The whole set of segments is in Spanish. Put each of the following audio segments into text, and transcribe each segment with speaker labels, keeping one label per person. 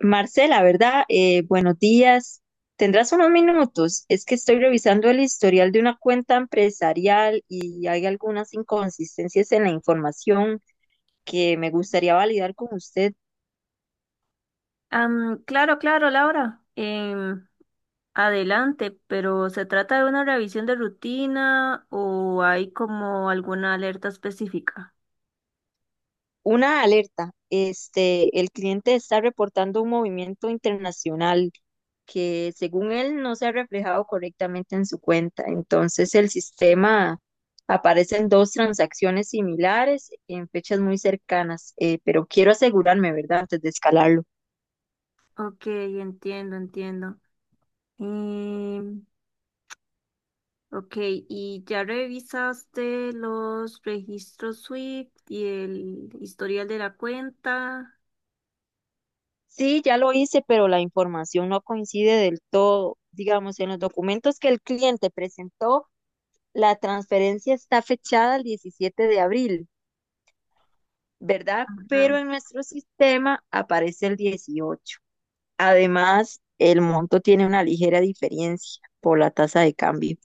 Speaker 1: Marcela, ¿verdad? Buenos días. ¿Tendrás unos minutos? Es que estoy revisando el historial de una cuenta empresarial y hay algunas inconsistencias en la información que me gustaría validar con usted.
Speaker 2: Claro, claro, Laura. Adelante, pero ¿se trata de una revisión de rutina o hay como alguna alerta específica?
Speaker 1: Una alerta, el cliente está reportando un movimiento internacional que según él no se ha reflejado correctamente en su cuenta. Entonces el sistema, aparecen dos transacciones similares en fechas muy cercanas, pero quiero asegurarme, ¿verdad? Antes de escalarlo.
Speaker 2: Ok, entiendo, entiendo. Em, ok, ¿y ya revisaste los registros SWIFT y el historial de la cuenta?
Speaker 1: Sí, ya lo hice, pero la información no coincide del todo. Digamos, en los documentos que el cliente presentó, la transferencia está fechada el 17 de abril, ¿verdad?
Speaker 2: Ajá.
Speaker 1: Pero en nuestro sistema aparece el 18. Además, el monto tiene una ligera diferencia por la tasa de cambio.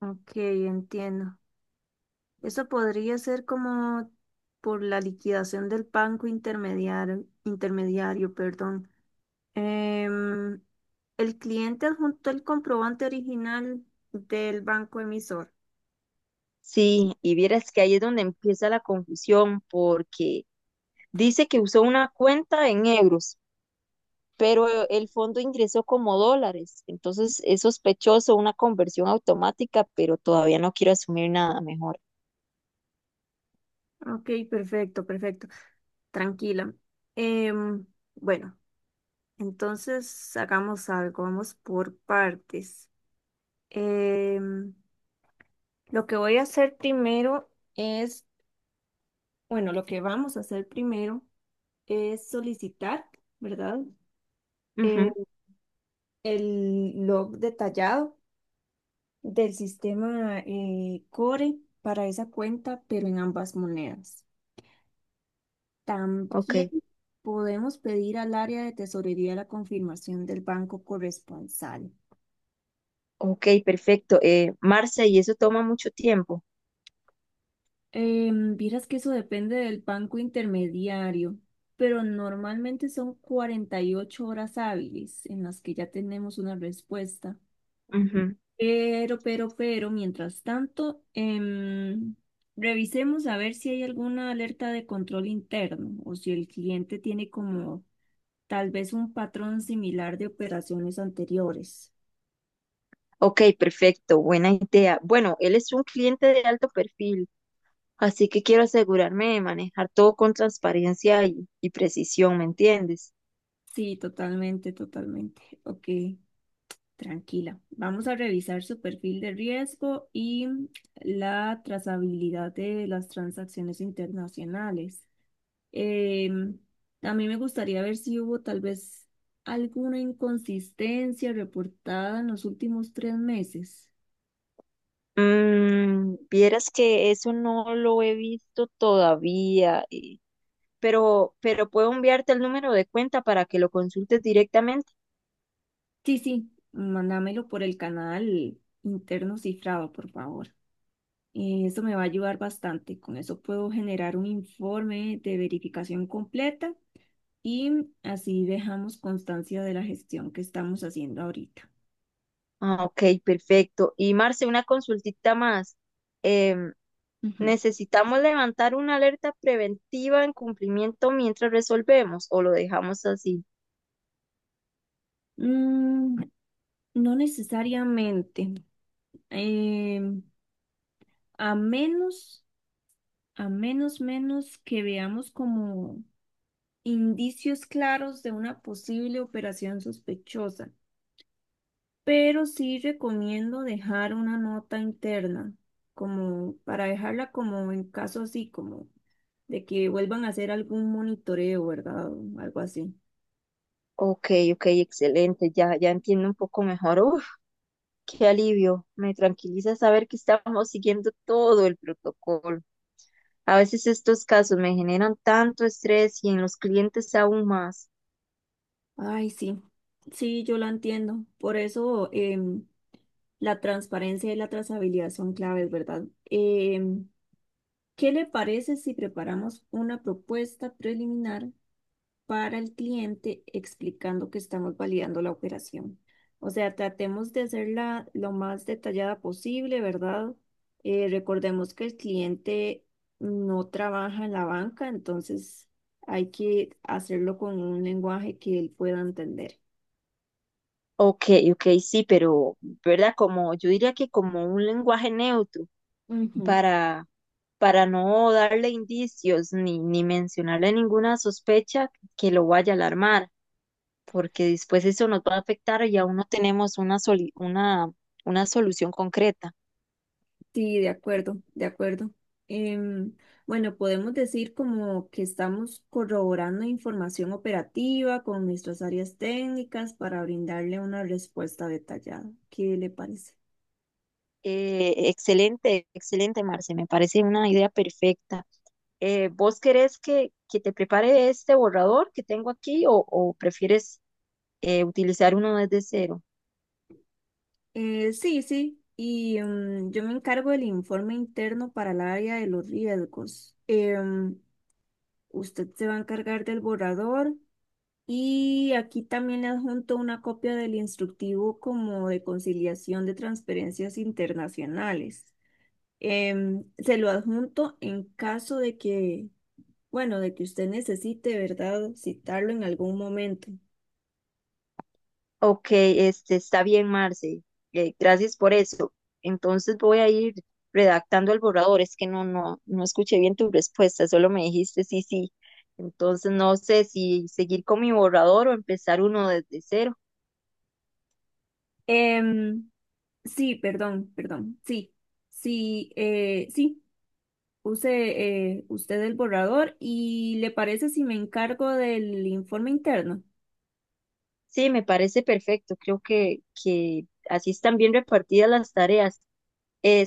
Speaker 2: Ok, entiendo. Eso podría ser como por la liquidación del banco intermediario, intermediario, perdón. Em, el cliente adjuntó el comprobante original del banco emisor.
Speaker 1: Sí, y vieras que ahí es donde empieza la confusión porque dice que usó una cuenta en euros, pero el fondo ingresó como dólares, entonces es sospechoso, una conversión automática, pero todavía no quiero asumir nada mejor.
Speaker 2: Ok, perfecto, perfecto. Tranquila. Em, bueno, entonces hagamos algo, vamos por partes. Em, lo que voy a hacer primero es, bueno, lo que vamos a hacer primero es solicitar, ¿verdad? Em,
Speaker 1: Ujú.
Speaker 2: el log detallado .del sistema Core para esa cuenta, pero en ambas monedas.
Speaker 1: Ok,
Speaker 2: También podemos pedir al área de tesorería la confirmación del banco corresponsal.
Speaker 1: ok, perfecto. Marce, y eso toma mucho tiempo.
Speaker 2: Vieras que eso depende del banco intermediario, pero normalmente son 48 horas hábiles en las que ya tenemos una respuesta.
Speaker 1: Ujú.
Speaker 2: Pero, mientras tanto, revisemos a ver si hay alguna alerta de control interno o si el cliente tiene como tal vez un patrón similar de operaciones anteriores.
Speaker 1: Ok, perfecto, buena idea. Bueno, él es un cliente de alto perfil, así que quiero asegurarme de manejar todo con transparencia y precisión, ¿me entiendes?
Speaker 2: Sí, totalmente, totalmente. Ok, tranquila. Vamos a revisar su perfil de riesgo y la trazabilidad de las transacciones internacionales. Eh, a mí me gustaría ver si hubo tal vez alguna inconsistencia reportada en los últimos 3 meses.
Speaker 1: Vieras que eso no lo he visto todavía. Pero puedo enviarte el número de cuenta para que lo consultes directamente.
Speaker 2: Sí, sí, mándamelo por el canal interno cifrado, por favor. Eso me va a ayudar bastante. Con eso puedo generar un informe de verificación completa y así dejamos constancia de la gestión que estamos haciendo ahorita.
Speaker 1: Ah, ok, perfecto. Y Marce, una consultita más. Em,
Speaker 2: Ujú.
Speaker 1: ¿Necesitamos levantar una alerta preventiva en cumplimiento mientras resolvemos o lo dejamos así?
Speaker 2: Mm, no necesariamente. Em, A menos, a menos, menos que veamos como indicios claros de una posible operación sospechosa. Pero sí recomiendo dejar una nota interna, como para dejarla como en caso así, como de que vuelvan a hacer algún monitoreo, ¿verdad? O algo así.
Speaker 1: Ok, ok, excelente. Ya, ya entiendo un poco mejor. Uf, qué alivio. Me tranquiliza saber que estamos siguiendo todo el protocolo. A veces estos casos me generan tanto estrés y en los clientes aún más.
Speaker 2: Ay, sí, sí, yo la entiendo. Por eso la transparencia y la trazabilidad son claves, ¿verdad? ¿Qué le parece si preparamos una propuesta preliminar para el cliente explicando que estamos validando la operación? O sea, tratemos de hacerla lo más detallada posible, ¿verdad? Recordemos que el cliente no trabaja en la banca, entonces hay que hacerlo con un lenguaje que él pueda entender.
Speaker 1: Ok, ok, sí, pero, ¿verdad? Como yo diría, que como un lenguaje neutro
Speaker 2: Ujú.
Speaker 1: para, para no darle indicios ni mencionarle ninguna sospecha que lo vaya a alarmar, porque después eso nos va a afectar y aún no tenemos una solución concreta.
Speaker 2: Sí, de acuerdo, de acuerdo. Em, bueno, podemos decir como que estamos corroborando información operativa con nuestras áreas técnicas para brindarle una respuesta detallada. ¿Qué le parece?
Speaker 1: Excelente, excelente, Marce, me parece una idea perfecta. ¿Vos querés que te prepare este borrador que tengo aquí o prefieres utilizar uno desde cero?
Speaker 2: Sí, sí. Y yo me encargo del informe interno para el área de los riesgos. Usted se va a encargar del borrador y aquí también le adjunto una copia del instructivo como de conciliación de transferencias internacionales. Se lo adjunto en caso de que, bueno, de que usted necesite, ¿verdad? Citarlo en algún momento.
Speaker 1: Ok, este está bien, Marce. Gracias por eso. Entonces voy a ir redactando el borrador. Es que no escuché bien tu respuesta, solo me dijiste sí, sí. Entonces no sé si seguir con mi borrador o empezar uno desde cero.
Speaker 2: Em, sí, perdón, perdón. Sí, sí, sí. Use usted el borrador y le parece si me encargo del informe interno.
Speaker 1: Sí, me parece perfecto. Creo que así están bien repartidas las tareas.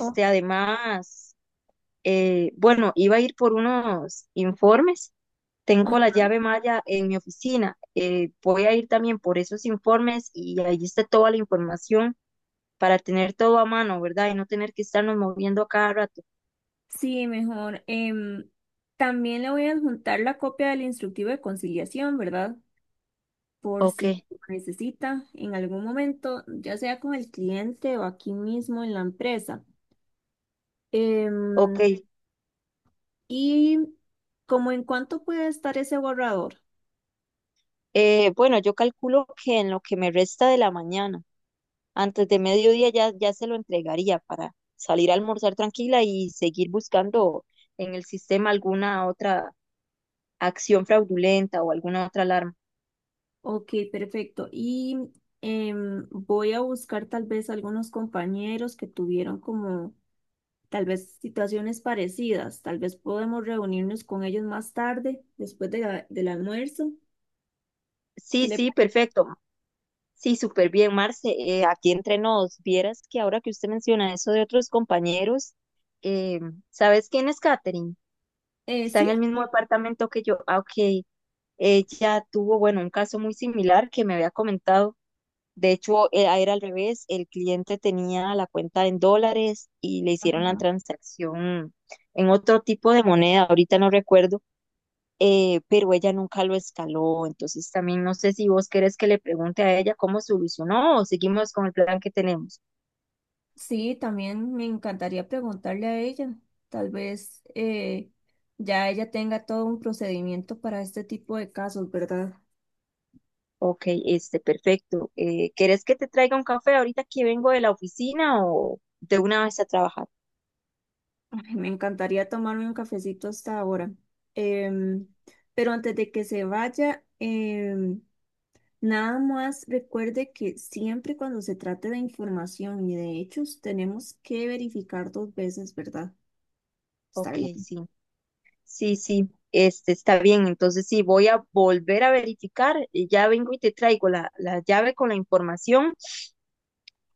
Speaker 2: Oh,
Speaker 1: Además, bueno, iba a ir por unos informes. Tengo la
Speaker 2: ajá.
Speaker 1: llave Maya en mi oficina. Voy a ir también por esos informes y ahí está toda la información para tener todo a mano, ¿verdad? Y no tener que estarnos moviendo a cada rato.
Speaker 2: Sí, mejor. También le voy a adjuntar la copia del instructivo de conciliación, ¿verdad? Por
Speaker 1: Ok,
Speaker 2: si lo necesita en algún momento, ya sea con el cliente o aquí mismo en la empresa.
Speaker 1: ok.
Speaker 2: Em, y como en cuánto puede estar ese borrador.
Speaker 1: Bueno, yo calculo que en lo que me resta de la mañana. Antes de mediodía ya, ya se lo entregaría para salir a almorzar tranquila y seguir buscando en el sistema alguna otra acción fraudulenta o alguna otra alarma.
Speaker 2: Ok, perfecto. Y voy a buscar tal vez algunos compañeros que tuvieron como tal vez situaciones parecidas. Tal vez podemos reunirnos con ellos más tarde, después de la- del almuerzo. ¿Qué
Speaker 1: Sí,
Speaker 2: le
Speaker 1: sí,
Speaker 2: parece?
Speaker 1: perfecto. Sí, súper bien, Marce. Aquí entre nos, vieras que ahora que usted menciona eso de otros compañeros, eh, ¿sabes quién es Katherine? Está en
Speaker 2: Sí.
Speaker 1: el mismo departamento que yo. Ah, ok. Ella tuvo, bueno, un caso muy similar que me había comentado. De hecho, era al revés, el cliente tenía la cuenta en dólares y le hicieron la transacción en otro tipo de moneda, ahorita no recuerdo, pero ella nunca lo escaló. Entonces, también no sé si vos querés que le pregunte a ella cómo solucionó o seguimos con el plan que tenemos.
Speaker 2: Sí, también me encantaría preguntarle a ella. Tal vez ya ella tenga todo un procedimiento para este tipo de casos, ¿verdad?
Speaker 1: Ok, perfecto. ¿Querés que te traiga un café ahorita que vengo de la oficina o de una vez a trabajar?
Speaker 2: Ay, me encantaría tomarme un cafecito hasta ahora. Em, pero antes de que se vaya, nada más recuerde que siempre cuando se trate de información y de hechos, tenemos que verificar dos veces, ¿verdad? Está
Speaker 1: Ok,
Speaker 2: bien.
Speaker 1: sí. Sí, sí, este está bien. Entonces sí, voy a volver a verificar. Y ya vengo y te traigo la llave con la información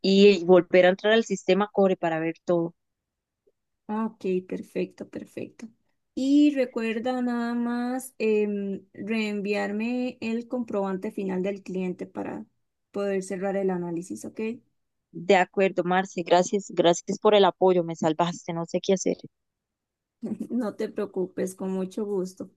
Speaker 1: y volver a entrar al sistema Core para ver todo.
Speaker 2: Ah, ok, perfecto, perfecto. Y recuerda nada más reenviarme el comprobante final del cliente para poder cerrar el análisis, ¿ok?
Speaker 1: De acuerdo, Marce, gracias, gracias por el apoyo, me salvaste, no sé qué hacer.
Speaker 2: No te preocupes, con mucho gusto.